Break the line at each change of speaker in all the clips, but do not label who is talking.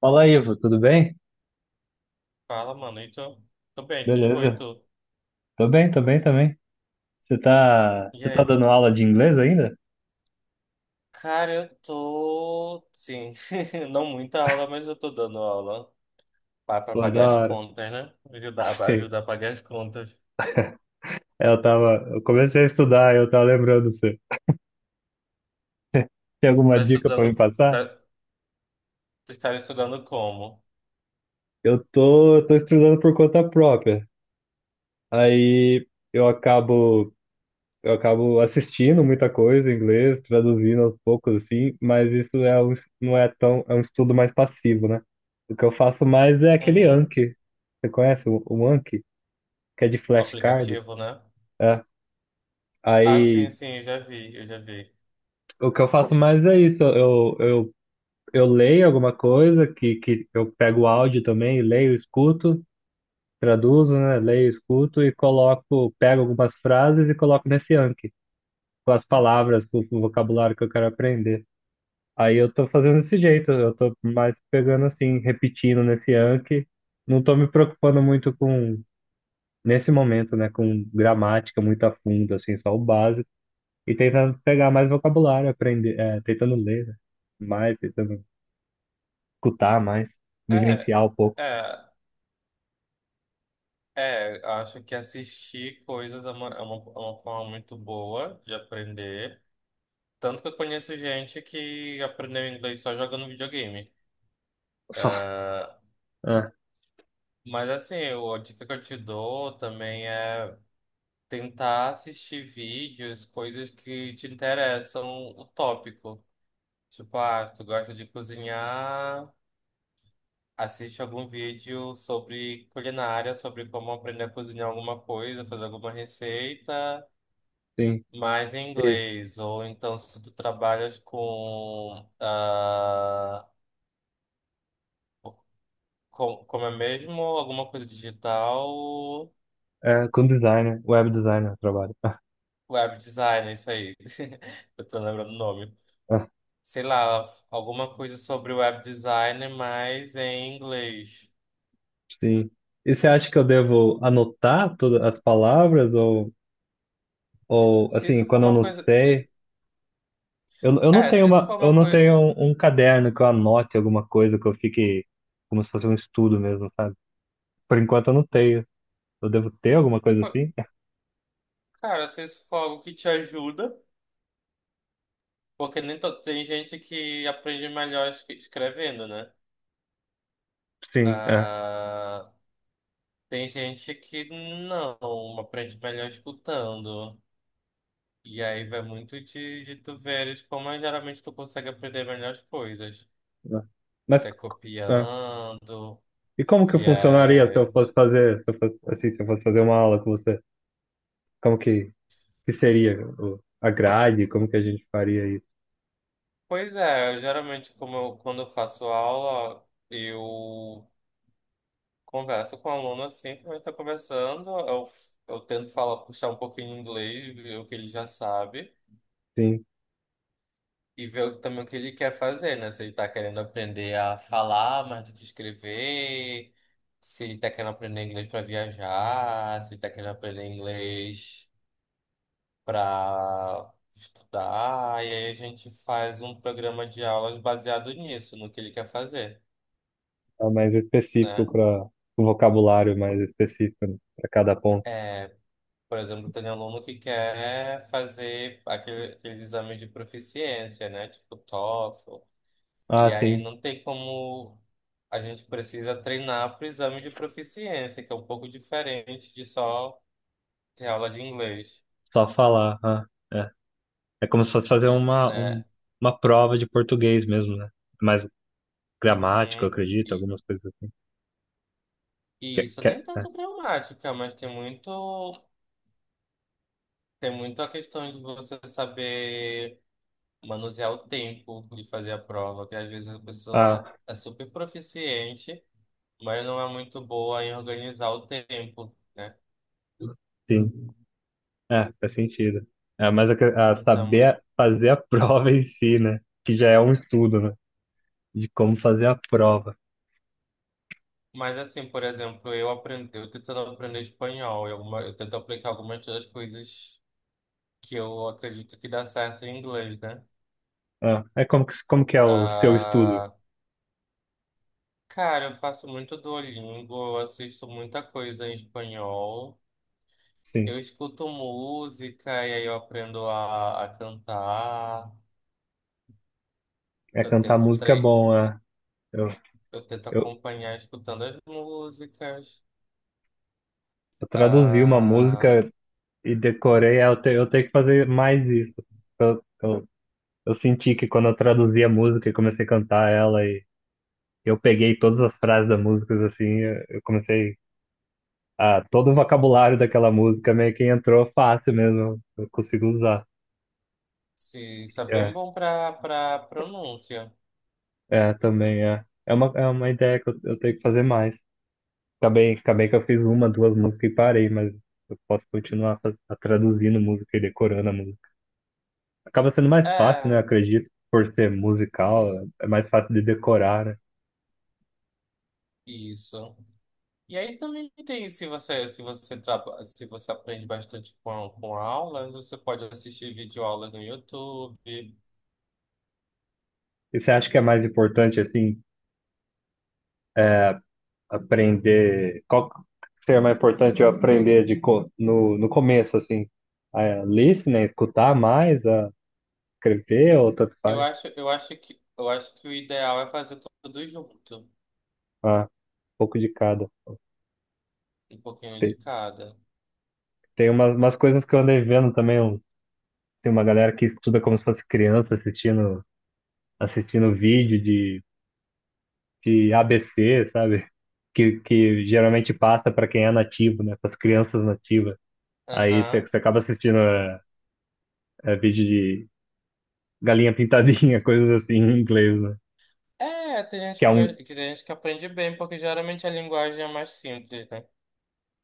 Fala, Ivo, tudo bem?
Fala, mano. E tu? Tô bem, tô de boa. E
Beleza.
tu?
Tô bem também. Você tá,
E
você tá
aí,
dando aula de inglês ainda?
cara, eu tô. Sim, não muita aula, mas eu tô dando aula pra
Pô, da
pagar as
hora.
contas, né? Pra
Ei,
ajudar a pagar as contas.
Eu comecei a estudar, eu tava lembrando você. Tem alguma
Tá
dica pra me
estudando.
passar?
Tá, tu está estudando como?
Eu tô estudando por conta própria. Aí eu acabo, eu acabo assistindo muita coisa em inglês, traduzindo aos poucos assim, mas isso é um, não é tão, é um estudo mais passivo, né? O que eu faço mais é aquele
Uhum.
Anki. Você conhece o Anki, que é de flashcards?
Aplicativo, né?
É.
Sim,
Aí
sim, eu já vi, eu já vi.
o que eu faço mais é isso. Eu leio alguma coisa que eu pego o áudio também, leio, escuto, traduzo, né? Leio, escuto e coloco, pego algumas frases e coloco nesse Anki, com as palavras, com o vocabulário que eu quero aprender. Aí eu tô fazendo desse jeito, eu tô mais pegando assim, repetindo nesse Anki. Não tô me preocupando muito com, nesse momento, né, com gramática muito a fundo, assim, só o básico. E tentando pegar mais vocabulário, aprender, tentando ler, né? Mais, tentando escutar mais,
É,
vivenciar um pouco.
é, é. Acho que assistir coisas é uma, forma muito boa de aprender. Tanto que eu conheço gente que aprendeu inglês só jogando videogame.
Só.
Ah,
Ah,
mas assim, a dica que eu te dou também é tentar assistir vídeos, coisas que te interessam o tópico. Tipo, se tu gosta de cozinhar, assiste algum vídeo sobre culinária, sobre como aprender a cozinhar alguma coisa, fazer alguma receita,
sim.
mas em
E,
inglês. Ou então, se tu trabalhas com, como é mesmo, alguma coisa digital,
com designer, web designer eu trabalho. Ah,
web design, é isso aí. Eu tô lembrando o nome.
ah,
Sei lá, alguma coisa sobre web design, mas em inglês.
sim. E você acha que eu devo anotar todas as palavras ou
Se
assim,
isso for
quando eu
uma
não
coisa.
sei, eu não tenho
Se isso
uma,
for
eu
uma
não
coisa.
tenho um caderno que eu anote alguma coisa que eu fique como se fosse um estudo mesmo, sabe? Por enquanto eu não tenho. Eu devo ter alguma coisa assim?
Cara, se isso for algo que te ajuda, porque nem to- tem gente que aprende melhor escrevendo, né?
Sim, é.
Ah, Tem gente que não aprende melhor escutando. E aí vai muito de, tu veres como é, geralmente tu consegue aprender melhores coisas.
É. Mas
Se é
é.
copiando,
E como que
se
funcionaria se eu
é.
fosse fazer, se eu fosse, assim, se eu fosse fazer uma aula com você? Como que seria a grade? Como que a gente faria isso?
Pois é, geralmente como eu, quando eu faço aula, eu converso com o aluno assim, como a gente tá conversando, eu, tento falar, puxar um pouquinho em inglês, ver o que ele já sabe.
Sim,
E ver também o que ele quer fazer, né? Se ele tá querendo aprender a falar mais do que escrever, se ele tá querendo aprender inglês para viajar, se ele tá querendo aprender inglês para estudar. E aí a gente faz um programa de aulas baseado nisso, no que ele quer fazer,
tá mais específico
né?
para o vocabulário é mais específico para cada ponto.
É, por exemplo, tem aluno que quer fazer aqueles exames de proficiência, né? Tipo TOEFL.
Ah,
E aí
sim,
não tem como. A gente precisa treinar para o exame de proficiência, que é um pouco diferente de só ter aula de inglês,
só falar. Ah, é. É como se fosse fazer
né?
uma prova de português mesmo, né? É. Mais gramática, eu
Uhum.
acredito,
E,
algumas coisas assim.
e
Que-
isso
que-
nem tanto gramática, mas tem muito, a questão de você saber manusear o tempo de fazer a prova, que às vezes a
ah,
pessoa é super proficiente, mas não é muito boa em organizar o tempo, né?
sim, é, faz sentido. É, mas a, a
Então,
saber fazer a prova em si, né? Que já é um estudo, né, de como fazer a prova?
mas assim, por exemplo, eu aprendi, eu tentando aprender espanhol, eu tento aplicar algumas das coisas que eu acredito que dá certo em inglês, né?
Ah, é como que é o seu estudo?
Ah, cara, eu faço muito Duolingo, eu assisto muita coisa em espanhol,
Sim,
eu escuto música e aí eu aprendo a, cantar,
é,
eu
cantar
tento
música é
tre
bom. Ah. Eu,
eu tento
eu,
acompanhar escutando as músicas.
eu traduzi uma
Ah,
música e decorei, ah, eu, te, eu tenho que fazer mais isso. Eu, eu senti que quando eu traduzi a música e comecei a cantar ela e eu peguei todas as frases da música, assim, eu comecei a todo o vocabulário
s-
daquela música meio que entrou fácil mesmo. Eu consigo usar.
se, isso é bem
É,
bom para pronúncia.
é também é. É uma ideia que eu tenho que fazer mais. Acabei que eu fiz uma, duas músicas e parei, mas eu posso continuar traduzindo música e decorando a música. Acaba sendo mais fácil, né?
É,
Acredito, por ser musical, é mais fácil de decorar, né?
isso. E aí também tem, se você aprende bastante com, aulas, você pode assistir videoaulas no YouTube.
E você acha que é mais importante, assim, aprender. Qual que seria mais importante eu aprender de, no, no começo, assim, a listening, né, escutar mais, a escrever, ou tanto
Eu
faz?
acho, eu acho que, eu acho que o ideal é fazer tudo junto,
Ah, um pouco de cada.
um pouquinho de
Tem,
cada.
tem umas coisas que eu andei vendo também, um- tem uma galera que estuda como se fosse criança assistindo, assistindo vídeo de ABC, sabe? Que geralmente passa para quem é nativo, né? Para as crianças nativas. Aí você
Aham.
você acaba assistindo vídeo de galinha pintadinha, coisas assim em inglês, né?
É,
Que é um.
tem gente que aprende bem, porque geralmente a linguagem é mais simples, né?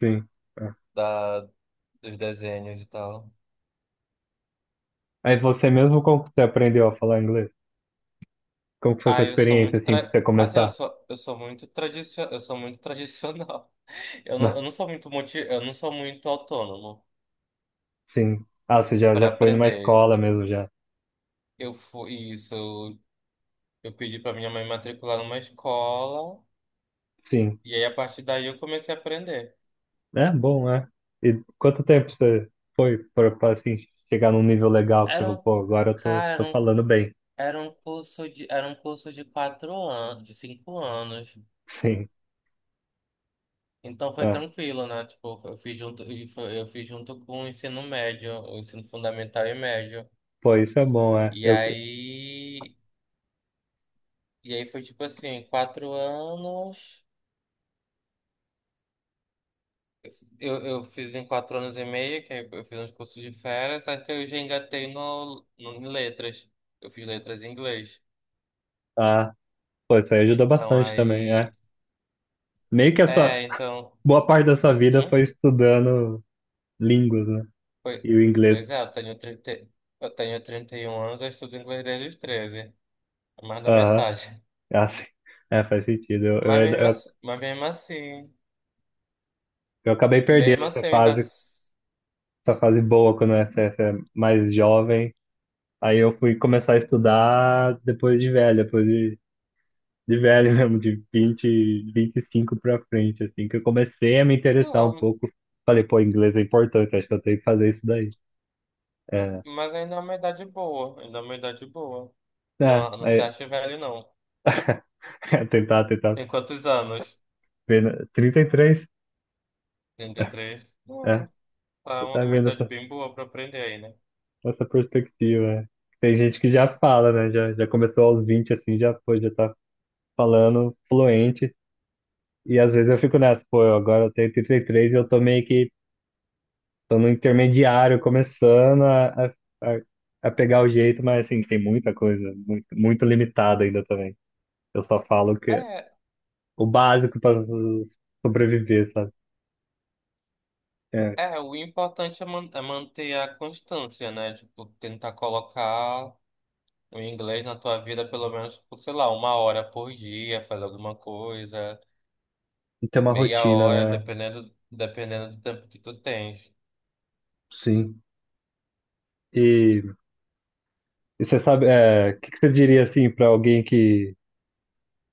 Sim. É.
Da, Dos desenhos e tal.
Aí você mesmo, como que você aprendeu a falar inglês? Como que foi sua
Ah, eu sou
experiência,
muito
assim, pra você
tra... Assim,
começar?
eu sou muito tradicional.
Não,
Eu não sou muito autônomo
sim. Ah, você já,
para
já foi numa
aprender.
escola mesmo, já.
Eu fui isso, eu pedi para minha mãe matricular numa escola
Sim.
e aí a partir daí eu comecei a aprender.
É bom, é. E quanto tempo você foi assim, chegar num nível legal que você
Era
falou,
um
pô, agora eu tô,
cara, era
tô
um,
falando bem.
era um curso de 4 anos, de 5 anos.
Sim.
Então foi
É.
tranquilo, né? Tipo, eu fiz junto com o ensino médio, o ensino fundamental e médio.
Pô, isso é bom, é.
E
Eu,
aí, e aí foi tipo assim, 4 anos. Eu fiz em 4 anos e meio, que aí eu fiz uns cursos de férias, só que eu já engatei no, em letras. Eu fiz letras em inglês.
ah, pô, isso aí ajudou
Então
bastante também, é.
aí.
Meio que essa
É, então.
boa parte da sua vida
Hum?
foi estudando línguas, né?
Pois,
E o inglês.
pois é, eu tenho 31 anos, eu estudo inglês desde os 13, é mais da
Aham.
metade.
Ah, sim. É, faz sentido.
Mas mesmo assim,
Eu acabei perdendo
mesmo assim eu ainda.
essa fase boa quando você é mais jovem. Aí eu fui começar a estudar depois de velho mesmo, de 25 pra frente, assim, que eu comecei a me interessar um
Não.
pouco. Falei, pô, inglês é importante, acho que eu tenho que fazer isso daí. É,
Mas ainda é uma idade boa, ainda é uma idade boa.
é,
Não, não se
é,
acha velho, não.
tentar
Tem quantos anos?
ver, na- 33,
33?
é,
Não, tá
tentar
uma
vendo
idade
essa,
bem boa pra aprender aí, né?
essa perspectiva. É. Tem gente que já fala, né, já começou aos 20 assim, já, pô, já tá falando fluente, e às vezes eu fico nessa, pô, eu agora eu tenho 33 e três e eu tô meio que tô no intermediário, começando a a pegar o jeito, mas assim, tem muita coisa, muito, muito limitada ainda também. Eu só falo que é
É,
o básico para sobreviver, sabe? É,
é, o importante é, manter a constância, né? Tipo, tentar colocar o inglês na tua vida pelo menos, por, sei lá, 1 hora por dia, fazer alguma coisa,
e ter uma
meia
rotina,
hora,
né?
dependendo do tempo que tu tens.
Sim. E, e você sabe, é, que você diria assim para alguém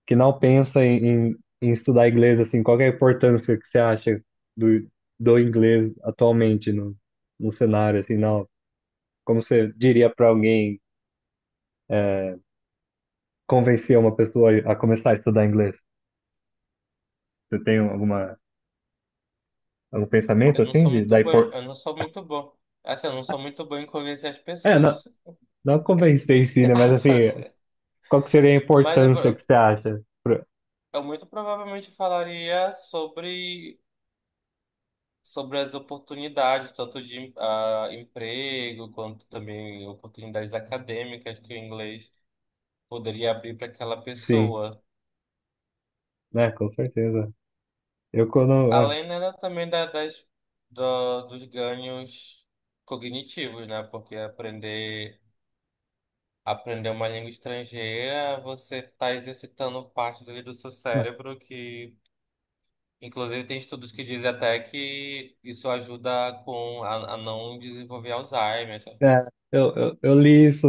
que não pensa em estudar inglês, assim, qual que é a importância que você acha do, do inglês atualmente no cenário, assim, não? Como você diria para alguém? É, convencer uma pessoa a começar a estudar inglês? Você tem algum pensamento
Eu não
assim
sou
de
muito
da
bom,
impor...
eu não sou muito bom. Assim, eu não sou muito bom em convencer as
É, não,
pessoas.
não convencer em si, né? Mas assim,
Fazer.
qual que seria a
Mas
importância que você acha?
eu muito provavelmente falaria sobre, as oportunidades, tanto de emprego, quanto também oportunidades acadêmicas que o inglês poderia abrir para aquela
Sim,
pessoa.
né? Com certeza. Eu quando
Além, né, também da, dos ganhos cognitivos, né? Porque aprender uma língua estrangeira, você está exercitando partes ali do seu
é,
cérebro que inclusive, tem estudos que dizem até que isso ajuda com a, não desenvolver Alzheimer.
eu li isso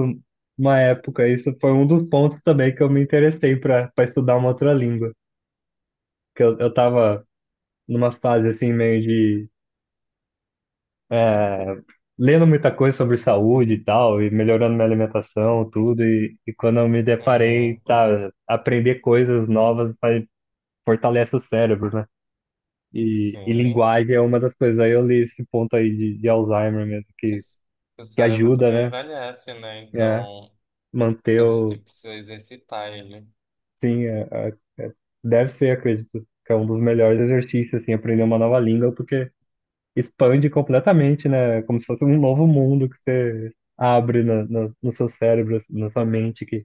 uma época. Isso foi um dos pontos também que eu me interessei para para estudar uma outra língua, que eu tava numa fase assim meio de é, lendo muita coisa sobre saúde e tal, e melhorando minha alimentação, tudo, e quando eu me deparei,
Uhum,
tá, aprender coisas novas fortalece o cérebro, né? E
sim.
linguagem é uma das coisas. Aí eu li esse ponto aí de Alzheimer mesmo,
Porque o
que
cérebro
ajuda,
também
né?
envelhece, né?
É,
Então,
manter o.
precisa exercitar ele.
Sim, deve ser, acredito, que é um dos melhores exercícios, assim, aprender uma nova língua, porque expande completamente, né? Como se fosse um novo mundo que você abre no seu cérebro, assim, na sua mente, que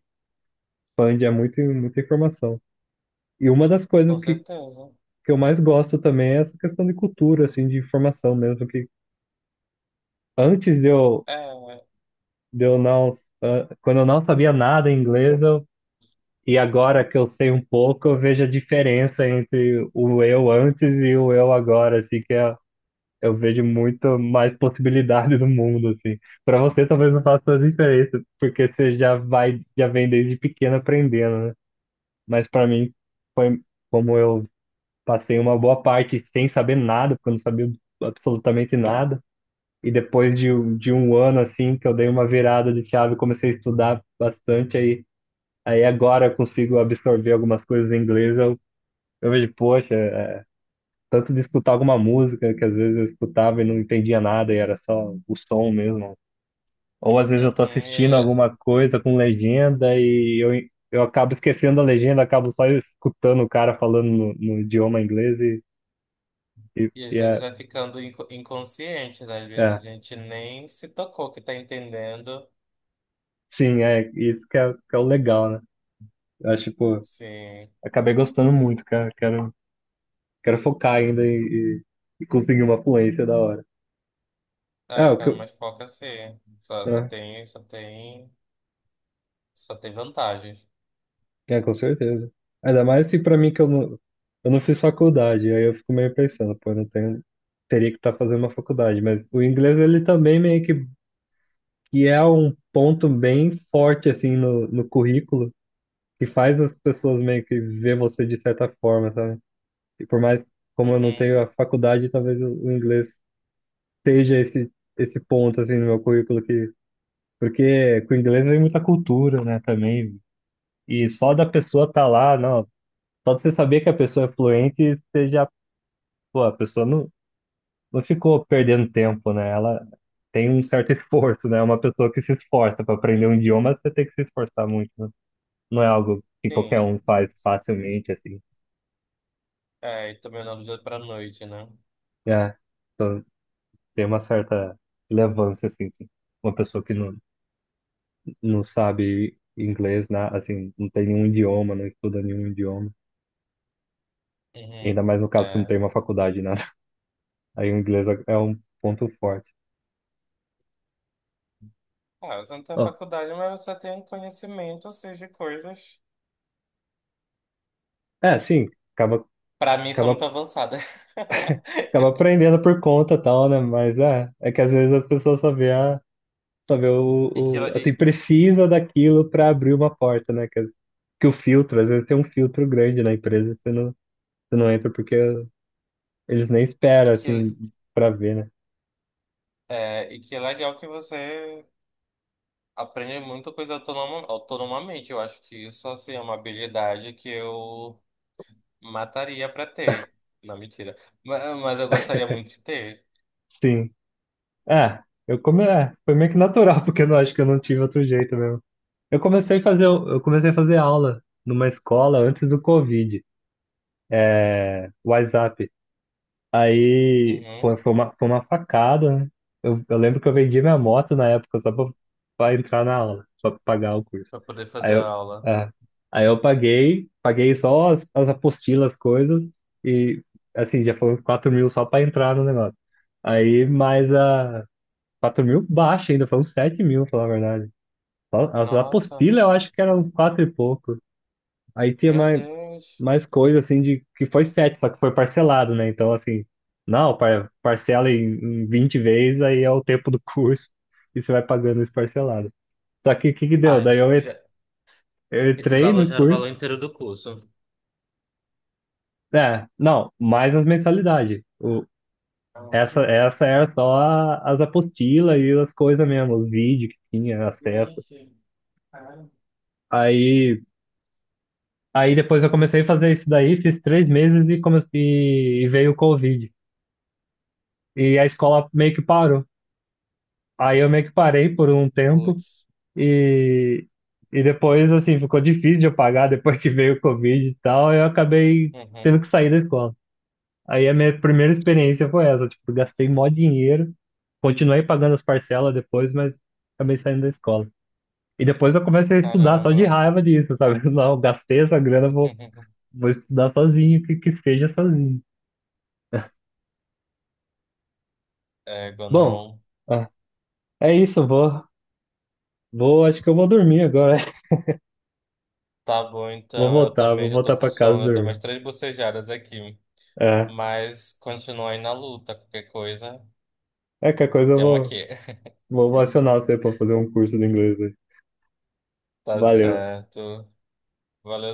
expande é muito, muita informação. E uma das
Com
coisas
certeza.
que eu mais gosto também é essa questão de cultura, assim, de informação mesmo, que antes
É, uhum.
de eu não... ah, quando eu não sabia nada em inglês, eu, e agora que eu sei um pouco, eu vejo a diferença entre o eu antes e o eu agora, assim, que é eu vejo muito mais possibilidade no mundo, assim. Para você, talvez não faça tanta diferença, porque você já vem desde pequeno aprendendo, né? Mas para mim, foi como eu passei uma boa parte sem saber nada, porque eu não sabia absolutamente nada. E depois de, de um ano, assim, que eu dei uma virada de chave, comecei a estudar bastante, aí agora eu consigo absorver algumas coisas em inglês, eu vejo, poxa, tanto de escutar alguma música que às vezes eu escutava e não entendia nada e era só o som mesmo. Ou às vezes eu tô assistindo
E,
alguma coisa com legenda e eu acabo esquecendo a legenda, acabo só escutando o cara falando no idioma inglês e, e,
e às
e
vezes
é,
vai ficando inconsciente, né? Às vezes a
é,
gente nem se tocou que tá entendendo.
sim, é isso que é o legal, né? Eu acho, pô,
Sim.
acabei gostando muito, cara. Quero focar ainda e conseguir uma fluência da hora. É,
Ai,
o que
cara,
eu,
mas foca assim. Só, só
né?
tem, só tem, só tem vantagens.
É, com certeza. Ainda mais se pra mim que eu não fiz faculdade, aí eu fico meio pensando, pô, eu não tenho, teria que estar fazendo uma faculdade, mas o inglês ele também meio que é um ponto bem forte assim no currículo, que faz as pessoas meio que ver você de certa forma, sabe? E por mais como eu não tenho
Uhum.
a faculdade, talvez o inglês seja esse esse ponto assim no meu currículo que porque com o inglês vem muita cultura, né, também. E só da pessoa estar tá lá, não, só de você saber que a pessoa é fluente, você já, pô, a pessoa não, não ficou perdendo tempo, né? Ela tem um certo esforço, né? É. Uma pessoa que se esforça para aprender um idioma, você tem que se esforçar muito, né? Não é algo que qualquer
Sim.
um faz facilmente, assim.
É, e também não do dia para noite, né?
É, então tem uma certa relevância, assim, sim. Uma pessoa que não, não sabe inglês, né? Assim, não tem nenhum idioma, não estuda nenhum idioma.
Uhum.
Ainda mais no caso que não
É.
tem uma faculdade, nada. Aí o inglês é é um ponto forte.
Você não tem
Ó,
faculdade, mas você tem conhecimento, assim, de coisas.
é, sim, acaba
Para mim, são
acaba
muito avançadas.
acaba aprendendo por conta e tal, né? Mas é, é que às vezes as pessoas só vê
E que, e,
assim, precisa daquilo para abrir uma porta, né? Que o filtro, às vezes tem um filtro grande na empresa, você não entra porque eles nem
e
esperam,
que,
assim, para ver, né?
e que é legal que você aprende muita coisa autonomamente. Eu acho que isso, assim, é uma habilidade que eu mataria para ter. Não, mentira. Mas eu gostaria muito de ter.
Sim. É, é, foi meio que natural, porque eu não acho que eu não tive outro jeito mesmo. Eu comecei a fazer aula numa escola antes do Covid, WhatsApp. Aí, pô,
Uhum.
foi foi uma facada, né? Eu lembro que eu vendi minha moto na época só pra entrar na aula, pra pagar o curso.
Para poder
Aí
fazer a
eu,
aula.
é, paguei só as apostilas, as coisas, e assim, já foram 4.000 só pra entrar no negócio. Aí mais a 4.000 baixo ainda, foram 7.000, pra falar a verdade. Só as
Nossa,
apostilas eu acho que eram uns 4 e pouco. Aí tinha
meu
mais,
Deus.
mais coisa assim de que foi sete, só que foi parcelado, né? Então, assim, não, parcela em 20 vezes, aí é o tempo do curso e você vai pagando isso parcelado. Só que o que que deu?
Ai,
Daí eu,
já...
eu
Esse
entrei
valor
no
já era o
curso,
valor inteiro do curso.
é, não, mais as mensalidades. O,
Ah,
essa era só as apostilas e as coisas mesmo, os vídeos que tinha acesso.
Gente, caramba.
Aí, aí depois eu comecei a fazer isso daí, fiz 3 meses e veio o Covid. E a escola meio que parou. Aí eu meio que parei por um tempo
Putz.
e, e depois, assim, ficou difícil de eu pagar depois que veio o Covid e tal, eu acabei
Uhum.
tendo que sair da escola. Aí a minha primeira experiência foi essa, tipo, gastei mó dinheiro, continuei pagando as parcelas depois, mas acabei saindo da escola. E depois eu comecei a estudar só de
Caramba.
raiva disso, sabe? Não, gastei essa grana, vou estudar sozinho, que seja sozinho.
Égua,
Bom,
não.
ah, é isso, acho que eu vou dormir agora.
Tá bom, então. Eu também
Vou
já tô
voltar
com
pra casa
sono. Eu dei umas
dormir.
três bocejadas aqui.
É,
Mas continua aí na luta. Qualquer coisa,
é que a coisa
tem uma aqui.
vou acionar você para fazer um curso de inglês aí.
Tá
Valeu.
certo. Valeu.